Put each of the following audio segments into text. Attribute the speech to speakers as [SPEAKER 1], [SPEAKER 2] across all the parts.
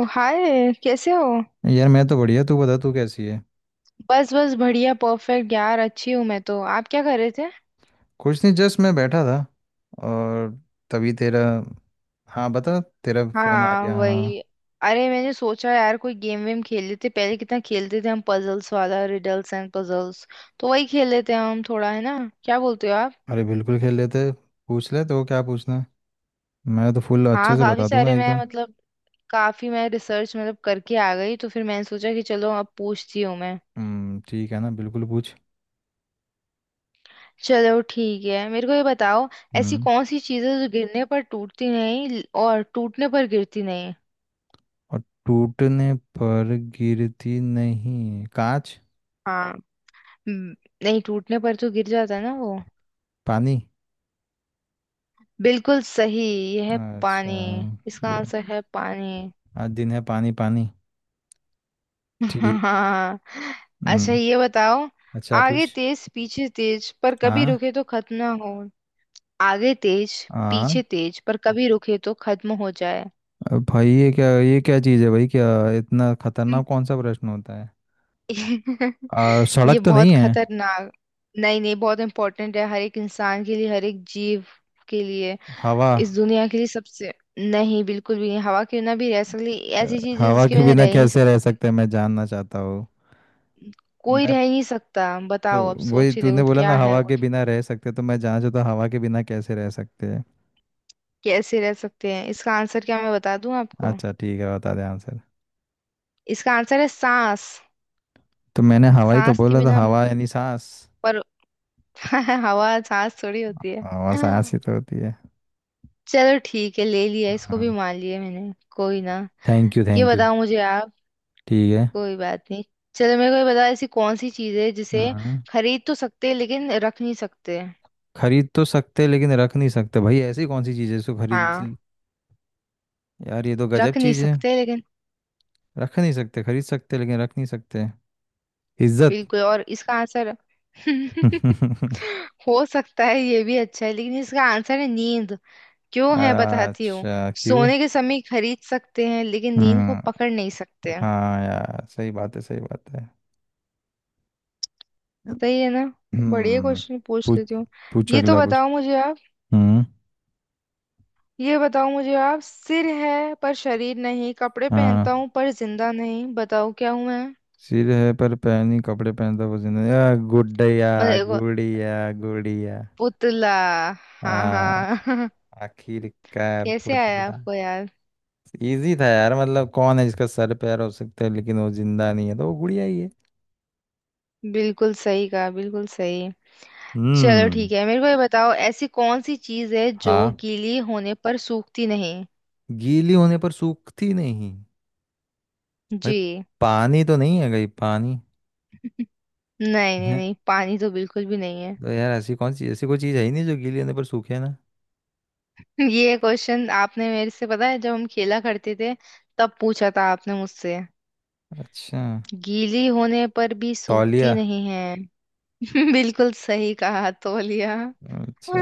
[SPEAKER 1] ओ, hi कैसे हो।
[SPEAKER 2] यार मैं तो बढ़िया। तू बता, तू कैसी है?
[SPEAKER 1] बस बस बढ़िया परफेक्ट यार, अच्छी हूँ मैं तो। आप क्या कर रहे थे?
[SPEAKER 2] कुछ नहीं, जस्ट मैं बैठा था और तभी तेरा, हाँ बता, तेरा फोन आ
[SPEAKER 1] हाँ
[SPEAKER 2] गया।
[SPEAKER 1] वही।
[SPEAKER 2] हाँ,
[SPEAKER 1] अरे मैंने सोचा यार कोई गेम वेम खेल लेते, पहले कितना खेलते थे हम, पजल्स वाला, रिडल्स एंड पजल्स। तो वही खेल लेते हैं हम थोड़ा, है ना? क्या बोलते हो आप?
[SPEAKER 2] अरे बिल्कुल खेल लेते। पूछ ले तो, क्या पूछना है? मैं तो फुल अच्छे
[SPEAKER 1] हाँ
[SPEAKER 2] से
[SPEAKER 1] काफी
[SPEAKER 2] बता दूंगा
[SPEAKER 1] सारे, मैं
[SPEAKER 2] एकदम।
[SPEAKER 1] मतलब काफी मैं रिसर्च मतलब करके आ गई, तो फिर मैंने सोचा कि चलो अब पूछती हूँ मैं।
[SPEAKER 2] हम्म, ठीक है ना, बिल्कुल पूछ।
[SPEAKER 1] चलो ठीक है, मेरे को ये बताओ। ऐसी
[SPEAKER 2] हम्म,
[SPEAKER 1] कौन सी चीज़ है जो गिरने पर टूटती नहीं और टूटने पर गिरती नहीं?
[SPEAKER 2] और टूटने पर गिरती नहीं, कांच।
[SPEAKER 1] हाँ। हम्म, नहीं, टूटने पर तो गिर जाता है ना वो।
[SPEAKER 2] पानी।
[SPEAKER 1] बिल्कुल सही। यह है
[SPEAKER 2] अच्छा।
[SPEAKER 1] पानी। इसका
[SPEAKER 2] बे-
[SPEAKER 1] आंसर है पानी।
[SPEAKER 2] आज दिन है पानी पानी। ठीक।
[SPEAKER 1] हाँ। अच्छा
[SPEAKER 2] हम्म।
[SPEAKER 1] ये बताओ।
[SPEAKER 2] अच्छा
[SPEAKER 1] आगे
[SPEAKER 2] पूछ।
[SPEAKER 1] तेज पीछे तेज पर कभी
[SPEAKER 2] हाँ।
[SPEAKER 1] रुके तो खत्म ना हो। आगे तेज
[SPEAKER 2] हाँ,
[SPEAKER 1] पीछे तेज पर कभी रुके तो खत्म हो जाए।
[SPEAKER 2] अब भाई ये क्या, ये क्या चीज़ है भाई, क्या इतना
[SPEAKER 1] हम्म।
[SPEAKER 2] खतरनाक कौन सा प्रश्न होता है? और
[SPEAKER 1] ये
[SPEAKER 2] सड़क तो नहीं
[SPEAKER 1] बहुत
[SPEAKER 2] है।
[SPEAKER 1] खतरनाक। नहीं नहीं, बहुत इंपॉर्टेंट है हर एक इंसान के लिए, हर एक जीव के लिए,
[SPEAKER 2] हवा।
[SPEAKER 1] इस दुनिया के लिए, सबसे। नहीं, बिल्कुल भी नहीं, हवा के बिना भी रह सकती।
[SPEAKER 2] अ,
[SPEAKER 1] ऐसी चीज है
[SPEAKER 2] हवा
[SPEAKER 1] जिसके
[SPEAKER 2] के
[SPEAKER 1] बिना
[SPEAKER 2] बिना
[SPEAKER 1] रह ही नहीं
[SPEAKER 2] कैसे
[SPEAKER 1] सकता।
[SPEAKER 2] रह सकते हैं, मैं जानना चाहता हूँ।
[SPEAKER 1] कोई
[SPEAKER 2] मैं
[SPEAKER 1] रह ही नहीं सकता।
[SPEAKER 2] तो
[SPEAKER 1] बताओ, अब
[SPEAKER 2] वही
[SPEAKER 1] सोच ही
[SPEAKER 2] तूने
[SPEAKER 1] देखो
[SPEAKER 2] बोला
[SPEAKER 1] क्या
[SPEAKER 2] ना,
[SPEAKER 1] है
[SPEAKER 2] हवा
[SPEAKER 1] वो।
[SPEAKER 2] के बिना रह सकते, तो मैं जानना चाहता हूँ हवा के बिना कैसे रह सकते हैं।
[SPEAKER 1] कैसे रह सकते हैं इसका आंसर, क्या मैं बता दूं आपको?
[SPEAKER 2] अच्छा ठीक है, बता दे आंसर।
[SPEAKER 1] इसका आंसर है सांस।
[SPEAKER 2] तो मैंने हवा ही तो
[SPEAKER 1] सांस के
[SPEAKER 2] बोला, तो
[SPEAKER 1] बिना हम,
[SPEAKER 2] हवा यानी सांस।
[SPEAKER 1] पर हवा सांस थोड़ी होती है।
[SPEAKER 2] हवा सांस ही तो होती है।
[SPEAKER 1] चलो ठीक है, ले लिया इसको
[SPEAKER 2] हाँ,
[SPEAKER 1] भी, मान लिया मैंने, कोई ना।
[SPEAKER 2] थैंक यू
[SPEAKER 1] ये
[SPEAKER 2] थैंक यू।
[SPEAKER 1] बताओ मुझे आप।
[SPEAKER 2] ठीक है।
[SPEAKER 1] कोई बात नहीं। चलो मेरे को ये बताओ। ऐसी कौन सी चीज है जिसे
[SPEAKER 2] हाँ,
[SPEAKER 1] खरीद तो सकते हैं लेकिन रख नहीं सकते?
[SPEAKER 2] खरीद तो सकते लेकिन रख नहीं सकते, भाई ऐसी कौन सी चीज़ है, इसको
[SPEAKER 1] हाँ।
[SPEAKER 2] खरीद। यार ये तो गजब
[SPEAKER 1] रख नहीं
[SPEAKER 2] चीज है।
[SPEAKER 1] सकते, लेकिन
[SPEAKER 2] रख नहीं सकते, खरीद सकते लेकिन रख नहीं सकते। इज्जत।
[SPEAKER 1] बिल्कुल। और इसका आंसर। हो सकता है ये भी अच्छा है, लेकिन इसका आंसर है नींद। क्यों है बताती हूँ।
[SPEAKER 2] अच्छा, क्यों?
[SPEAKER 1] सोने के समय खरीद सकते हैं लेकिन नींद को
[SPEAKER 2] हम्म।
[SPEAKER 1] पकड़ नहीं सकते हैं।
[SPEAKER 2] हाँ यार, सही बात है, सही बात है।
[SPEAKER 1] सही है ना? बढ़िया
[SPEAKER 2] हम्म।
[SPEAKER 1] क्वेश्चन पूछ
[SPEAKER 2] पूछ,
[SPEAKER 1] लेती हूँ।
[SPEAKER 2] पूछ
[SPEAKER 1] ये तो
[SPEAKER 2] अगला कुछ।
[SPEAKER 1] बताओ मुझे आप।
[SPEAKER 2] हम्म।
[SPEAKER 1] ये बताओ मुझे आप, सिर है पर शरीर नहीं, कपड़े पहनता
[SPEAKER 2] हाँ,
[SPEAKER 1] हूँ पर जिंदा नहीं, बताओ क्या हूँ मैं?
[SPEAKER 2] सिर है पर पहनी कपड़े पहनता वो जिंदा, या गुड्डया,
[SPEAKER 1] मतलब एगो-
[SPEAKER 2] गुड़िया गुड़िया।
[SPEAKER 1] पुतला। हाँ
[SPEAKER 2] हाँ,
[SPEAKER 1] हाँ।
[SPEAKER 2] आखिरकार
[SPEAKER 1] कैसे आया
[SPEAKER 2] पुतला।
[SPEAKER 1] आपको याद?
[SPEAKER 2] इजी था यार, मतलब कौन है जिसका सर पैर हो सकता है लेकिन वो जिंदा नहीं है, तो वो गुड़िया ही है।
[SPEAKER 1] बिल्कुल सही कहा, बिल्कुल सही। चलो
[SPEAKER 2] हम्म।
[SPEAKER 1] ठीक है, मेरे को ये बताओ। ऐसी कौन सी चीज है जो
[SPEAKER 2] हाँ,
[SPEAKER 1] गीली होने पर सूखती नहीं?
[SPEAKER 2] गीली होने पर सूखती नहीं। भाई,
[SPEAKER 1] जी।
[SPEAKER 2] पानी तो नहीं है कहीं, पानी
[SPEAKER 1] नहीं नहीं
[SPEAKER 2] है?
[SPEAKER 1] नहीं, पानी तो बिल्कुल भी नहीं है।
[SPEAKER 2] तो यार, ऐसी कौन सी ऐसी कोई चीज़ है ही नहीं जो गीली होने पर सूखे ना।
[SPEAKER 1] ये क्वेश्चन आपने मेरे से, पता है जब हम खेला करते थे तब पूछा था आपने मुझसे।
[SPEAKER 2] अच्छा,
[SPEAKER 1] गीली होने पर भी
[SPEAKER 2] तौलिया।
[SPEAKER 1] सूखती नहीं है। बिल्कुल सही कहा, तौलिया।
[SPEAKER 2] अच्छा,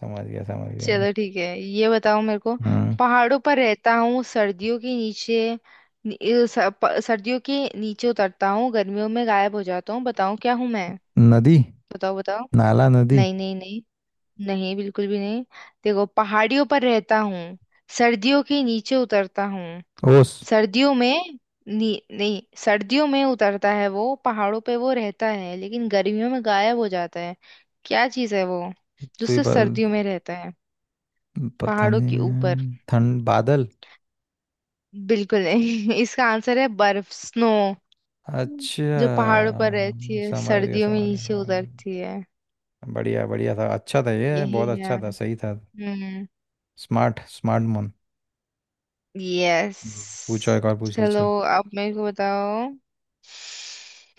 [SPEAKER 2] समझ गया मैं।
[SPEAKER 1] चलो ठीक है, ये बताओ मेरे को।
[SPEAKER 2] हम्म।
[SPEAKER 1] पहाड़ों पर रहता हूँ सर्दियों के नीचे। नि- अ, स- प- सर्दियों के नीचे उतरता हूँ, गर्मियों में गायब हो जाता हूँ, बताओ क्या हूँ मैं?
[SPEAKER 2] नदी,
[SPEAKER 1] बताओ बताओ।
[SPEAKER 2] नाला नदी।
[SPEAKER 1] नहीं नहीं नहीं। नहीं बिल्कुल भी नहीं। देखो, पहाड़ियों पर रहता हूँ, सर्दियों के नीचे उतरता हूँ,
[SPEAKER 2] ओस।
[SPEAKER 1] सर्दियों में। नहीं, सर्दियों में उतरता है वो, पहाड़ों पे वो रहता है, लेकिन गर्मियों में गायब हो जाता है। क्या चीज़ है वो जो
[SPEAKER 2] तो ये
[SPEAKER 1] सिर्फ
[SPEAKER 2] प-
[SPEAKER 1] सर्दियों में रहता है,
[SPEAKER 2] पता
[SPEAKER 1] पहाड़ों के ऊपर?
[SPEAKER 2] नहीं, ठंड, बादल।
[SPEAKER 1] बिल्कुल नहीं। इसका आंसर है बर्फ, स्नो।
[SPEAKER 2] अच्छा,
[SPEAKER 1] जो पहाड़ों पर
[SPEAKER 2] समझ
[SPEAKER 1] रहती है,
[SPEAKER 2] गया
[SPEAKER 1] सर्दियों में
[SPEAKER 2] समझ गया
[SPEAKER 1] नीचे
[SPEAKER 2] समझ गया।
[SPEAKER 1] उतरती है।
[SPEAKER 2] बढ़िया, बढ़िया था, अच्छा था, ये
[SPEAKER 1] यही
[SPEAKER 2] बहुत
[SPEAKER 1] है।
[SPEAKER 2] अच्छा था, सही था।
[SPEAKER 1] हम्म।
[SPEAKER 2] Smart smart man.
[SPEAKER 1] यस।
[SPEAKER 2] पूछो एक और, पूछ ले
[SPEAKER 1] चलो
[SPEAKER 2] चल।
[SPEAKER 1] अब मेरे को बताओ।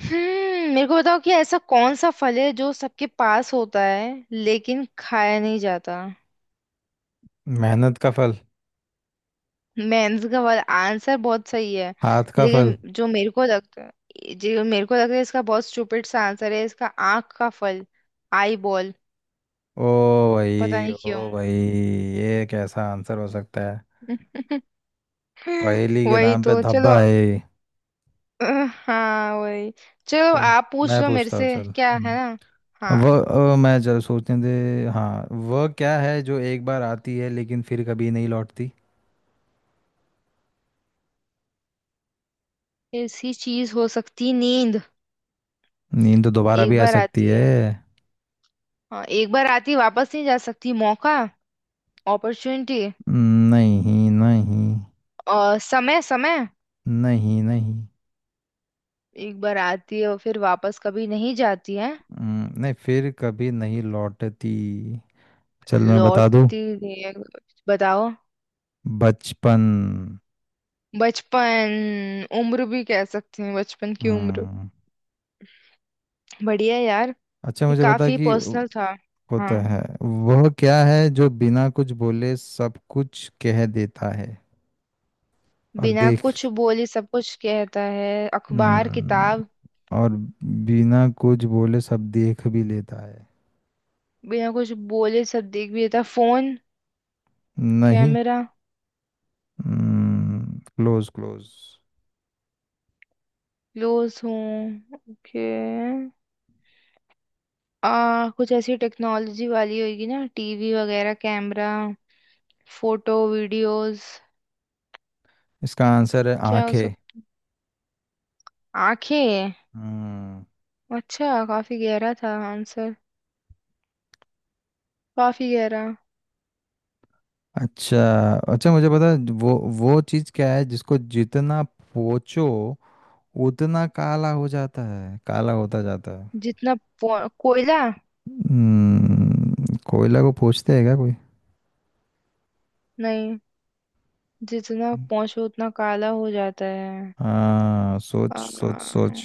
[SPEAKER 1] हम्म, मेरे को बताओ कि ऐसा कौन सा फल है जो सबके पास होता है लेकिन खाया नहीं जाता?
[SPEAKER 2] मेहनत का फल।
[SPEAKER 1] मैं का वाला आंसर बहुत सही है,
[SPEAKER 2] हाथ का फल।
[SPEAKER 1] लेकिन जो मेरे को लगता, जो मेरे को लगता है इसका बहुत स्टूपिड सा आंसर है। इसका आंख का फल, आई बॉल।
[SPEAKER 2] ओ
[SPEAKER 1] पता
[SPEAKER 2] भाई,
[SPEAKER 1] नहीं क्यों।
[SPEAKER 2] ओ भाई, ये कैसा आंसर हो सकता है? पहेली के
[SPEAKER 1] वही
[SPEAKER 2] नाम पे
[SPEAKER 1] तो,
[SPEAKER 2] धब्बा
[SPEAKER 1] चलो।
[SPEAKER 2] है ये।
[SPEAKER 1] अ, हाँ वही। चलो
[SPEAKER 2] चल
[SPEAKER 1] आप पूछ
[SPEAKER 2] मैं
[SPEAKER 1] लो मेरे
[SPEAKER 2] पूछता हूँ,
[SPEAKER 1] से,
[SPEAKER 2] चल।
[SPEAKER 1] क्या है ना? हाँ।
[SPEAKER 2] वह मैं, चल सोचने दे। हाँ, वह क्या है जो एक बार आती है लेकिन फिर कभी नहीं लौटती?
[SPEAKER 1] ऐसी चीज हो सकती, नींद।
[SPEAKER 2] नींद तो दोबारा भी
[SPEAKER 1] एक
[SPEAKER 2] आ
[SPEAKER 1] बार
[SPEAKER 2] सकती
[SPEAKER 1] आती
[SPEAKER 2] है।
[SPEAKER 1] है? हाँ, एक बार आती वापस नहीं जा सकती, मौका, अपॉर्चुनिटी।
[SPEAKER 2] नहीं नहीं।
[SPEAKER 1] और समय समय,
[SPEAKER 2] नहीं नहीं।
[SPEAKER 1] एक बार आती है और फिर वापस कभी नहीं जाती है।
[SPEAKER 2] नहीं, फिर कभी नहीं लौटती। चल मैं बता दूँ,
[SPEAKER 1] लौटती नहीं है। बताओ।
[SPEAKER 2] बचपन।
[SPEAKER 1] बचपन? उम्र भी कह सकते हैं, बचपन की उम्र।
[SPEAKER 2] हम्म।
[SPEAKER 1] बढ़िया यार।
[SPEAKER 2] अच्छा
[SPEAKER 1] ये
[SPEAKER 2] मुझे बता
[SPEAKER 1] काफी
[SPEAKER 2] कि
[SPEAKER 1] पर्सनल था।
[SPEAKER 2] होता
[SPEAKER 1] हाँ।
[SPEAKER 2] है, वह क्या है जो बिना कुछ बोले सब कुछ कह देता है और
[SPEAKER 1] बिना
[SPEAKER 2] देख,
[SPEAKER 1] कुछ बोले सब कुछ कहता है, अखबार,
[SPEAKER 2] हम्म,
[SPEAKER 1] किताब।
[SPEAKER 2] और बिना कुछ बोले सब देख भी लेता है?
[SPEAKER 1] बिना कुछ बोले सब देख भी देता, फोन,
[SPEAKER 2] नहीं।
[SPEAKER 1] कैमरा।
[SPEAKER 2] Close close.
[SPEAKER 1] क्लोज हूँ, ओके। आ कुछ ऐसी टेक्नोलॉजी वाली होगी ना, टीवी वगैरह, कैमरा, फोटो, वीडियोस।
[SPEAKER 2] इसका आंसर है
[SPEAKER 1] क्या हो
[SPEAKER 2] आंखें।
[SPEAKER 1] सकता? आंखें।
[SPEAKER 2] हम्म।
[SPEAKER 1] अच्छा, काफी गहरा था आंसर, काफी गहरा।
[SPEAKER 2] अच्छा। अच्छा मुझे पता है, वो चीज़ क्या है जिसको जितना पोंछो उतना काला हो जाता है, काला होता जाता है।
[SPEAKER 1] जितना कोयला?
[SPEAKER 2] हम्म, कोयला को पूछते हैं क्या कोई?
[SPEAKER 1] नहीं, जितना पहुंचो उतना काला हो जाता है।
[SPEAKER 2] हाँ सोच,
[SPEAKER 1] आ,
[SPEAKER 2] सोच सोच।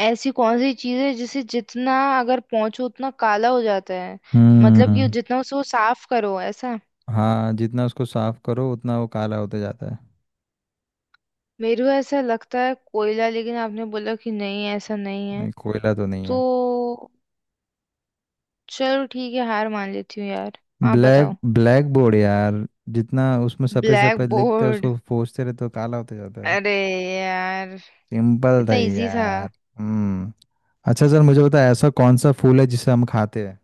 [SPEAKER 1] ऐसी कौन सी चीज है जिसे जितना अगर पहुंचो उतना काला हो जाता है? मतलब कि
[SPEAKER 2] हम्म।
[SPEAKER 1] जितना उसे वो साफ करो, ऐसा?
[SPEAKER 2] हाँ, जितना उसको साफ करो उतना वो काला होता जाता है।
[SPEAKER 1] मेरे को ऐसा लगता है कोयला, लेकिन आपने बोला कि नहीं, ऐसा नहीं है।
[SPEAKER 2] नहीं, कोयला तो नहीं है।
[SPEAKER 1] तो चलो ठीक है, हार मान लेती हूँ यार। आप
[SPEAKER 2] ब्लैक
[SPEAKER 1] बताओ।
[SPEAKER 2] ब्लैक बोर्ड यार, जितना उसमें सफेद
[SPEAKER 1] ब्लैक
[SPEAKER 2] सफेद लिखते हैं,
[SPEAKER 1] बोर्ड,
[SPEAKER 2] उसको पोंछते रहे तो काला होता जाता है।
[SPEAKER 1] अरे यार,
[SPEAKER 2] सिंपल था
[SPEAKER 1] कितना
[SPEAKER 2] ये
[SPEAKER 1] इजी था!
[SPEAKER 2] यार। हम्म। अच्छा सर, मुझे बताया ऐसा कौन सा फूल है जिसे हम खाते हैं?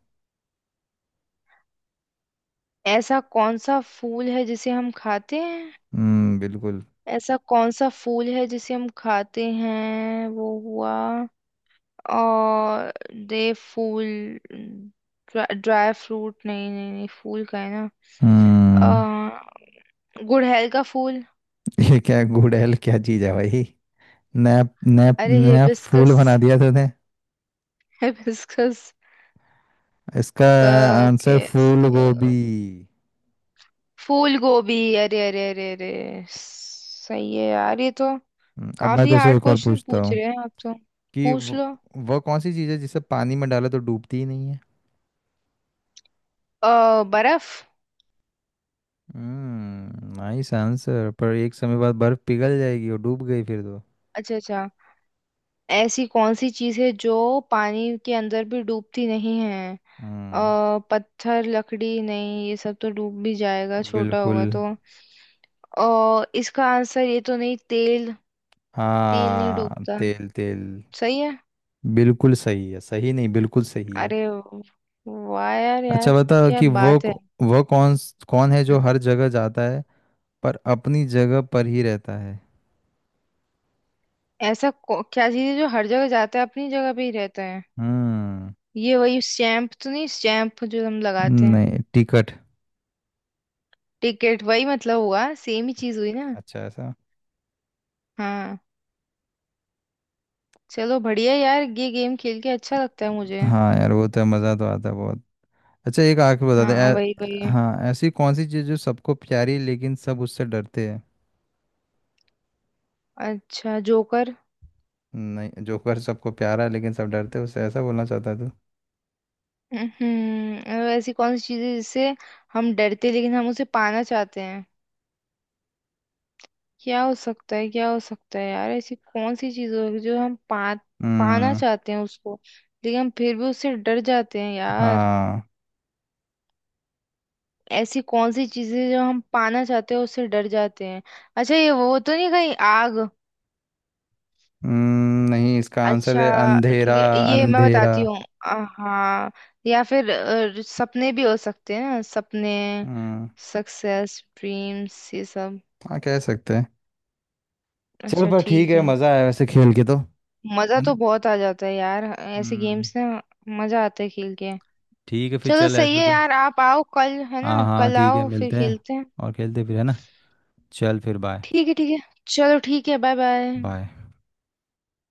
[SPEAKER 1] ऐसा कौन सा फूल है जिसे हम खाते हैं?
[SPEAKER 2] हम्म, बिल्कुल।
[SPEAKER 1] ऐसा कौन सा फूल है जिसे हम खाते हैं, वो हुआ। और दे फूल, ड्राई फ्रूट नहीं नहीं नहीं, फूल का है
[SPEAKER 2] हम्म।
[SPEAKER 1] ना? अ, गुड़हल का फूल,
[SPEAKER 2] ये क्या गुड़हल, क्या चीज है भाई? नया नया
[SPEAKER 1] अरे
[SPEAKER 2] नया फूल
[SPEAKER 1] हिबिस्कस,
[SPEAKER 2] बना दिया तूने।
[SPEAKER 1] हिबिस्कस
[SPEAKER 2] इसका
[SPEAKER 1] का
[SPEAKER 2] आंसर
[SPEAKER 1] के
[SPEAKER 2] फूल गोभी।
[SPEAKER 1] फूल गोभी। अरे अरे अरे अरे सही है यार, ये तो।
[SPEAKER 2] अब मैं
[SPEAKER 1] काफी
[SPEAKER 2] तुझसे
[SPEAKER 1] हार्ड
[SPEAKER 2] एक और
[SPEAKER 1] क्वेश्चन
[SPEAKER 2] पूछता
[SPEAKER 1] पूछ
[SPEAKER 2] हूँ
[SPEAKER 1] रहे हैं आप तो।
[SPEAKER 2] कि
[SPEAKER 1] पूछ लो।
[SPEAKER 2] वो कौन सी चीज़ है जिसे पानी में डाला तो डूबती ही नहीं है?
[SPEAKER 1] बर्फ।
[SPEAKER 2] हम्म, नाइस आंसर, पर एक समय बाद बर्फ पिघल जाएगी और डूब गई फिर तो।
[SPEAKER 1] अच्छा अच्छा। ऐसी कौन सी चीज है जो पानी के अंदर भी डूबती नहीं है?
[SPEAKER 2] हम्म।
[SPEAKER 1] पत्थर, लकड़ी नहीं, ये सब तो डूब भी जाएगा, छोटा
[SPEAKER 2] बिल्कुल।
[SPEAKER 1] होगा तो। इसका आंसर ये तो नहीं, तेल। तेल नहीं
[SPEAKER 2] हाँ,
[SPEAKER 1] डूबता,
[SPEAKER 2] तेल तेल।
[SPEAKER 1] सही है।
[SPEAKER 2] बिल्कुल सही है, सही नहीं बिल्कुल सही है।
[SPEAKER 1] अरे वाह यार यार,
[SPEAKER 2] अच्छा बता
[SPEAKER 1] क्या
[SPEAKER 2] कि वो
[SPEAKER 1] बात है!
[SPEAKER 2] वो कौन, कौन है जो
[SPEAKER 1] हम्म,
[SPEAKER 2] हर जगह जाता है पर अपनी जगह पर ही रहता है?
[SPEAKER 1] क्या चीज है जो हर जगह जाता है, अपनी जगह पे ही रहता है?
[SPEAKER 2] हम्म।
[SPEAKER 1] ये वही स्टैम्प तो नहीं, स्टैम्प जो हम लगाते हैं?
[SPEAKER 2] नहीं, टिकट।
[SPEAKER 1] टिकट वही मतलब, हुआ सेम ही चीज हुई ना?
[SPEAKER 2] अच्छा ऐसा।
[SPEAKER 1] हाँ। चलो बढ़िया यार, ये गेम खेल के अच्छा लगता है मुझे।
[SPEAKER 2] हाँ यार, वो तो मज़ा तो आता है बहुत। अच्छा, एक आखिरी बता दे।
[SPEAKER 1] हाँ वही वही।
[SPEAKER 2] हाँ, ऐसी कौन सी चीज़ जो सबको प्यारी है, लेकिन सब उससे डरते हैं?
[SPEAKER 1] अच्छा जोकर।
[SPEAKER 2] नहीं, जोकर सबको प्यारा है लेकिन सब डरते हैं उससे, ऐसा बोलना चाहता है तू?
[SPEAKER 1] हम्म। ऐसी कौन सी चीज है जिससे हम डरते, लेकिन हम उसे पाना चाहते हैं? क्या हो सकता है? क्या हो सकता है यार, ऐसी कौन सी चीज होगी जो हम पा पाना
[SPEAKER 2] हम्म।
[SPEAKER 1] चाहते हैं उसको, लेकिन हम फिर भी उससे डर जाते हैं यार?
[SPEAKER 2] हाँ।
[SPEAKER 1] ऐसी कौन सी चीजें जो हम पाना चाहते हैं उससे डर जाते हैं? अच्छा ये वो तो नहीं कहीं, आग?
[SPEAKER 2] हम्म, नहीं, इसका आंसर
[SPEAKER 1] अच्छा
[SPEAKER 2] है अंधेरा,
[SPEAKER 1] ठीक है, ये मैं
[SPEAKER 2] अंधेरा।
[SPEAKER 1] बताती हूँ। अ, हाँ। या फिर सपने भी हो सकते हैं ना, सपने,
[SPEAKER 2] हम्म।
[SPEAKER 1] सक्सेस, ड्रीम्स, ये सब।
[SPEAKER 2] हाँ, कह सकते हैं। चल,
[SPEAKER 1] अच्छा
[SPEAKER 2] पर ठीक
[SPEAKER 1] ठीक
[SPEAKER 2] है,
[SPEAKER 1] है।
[SPEAKER 2] मज़ा आया वैसे खेल के, तो है
[SPEAKER 1] मजा तो
[SPEAKER 2] ना।
[SPEAKER 1] बहुत आ जाता है यार, ऐसे
[SPEAKER 2] हम्म,
[SPEAKER 1] गेम्स ना। मजा आता है खेल के।
[SPEAKER 2] ठीक है फिर,
[SPEAKER 1] चलो
[SPEAKER 2] चल
[SPEAKER 1] सही
[SPEAKER 2] ऐसा
[SPEAKER 1] है
[SPEAKER 2] तो।
[SPEAKER 1] यार, आप आओ कल, है ना?
[SPEAKER 2] हाँ हाँ,
[SPEAKER 1] कल
[SPEAKER 2] ठीक है,
[SPEAKER 1] आओ फिर
[SPEAKER 2] मिलते हैं
[SPEAKER 1] खेलते हैं।
[SPEAKER 2] और खेलते हैं फिर, है ना। चल फिर, बाय
[SPEAKER 1] ठीक है, ठीक है। चलो ठीक है, बाय बाय।
[SPEAKER 2] बाय।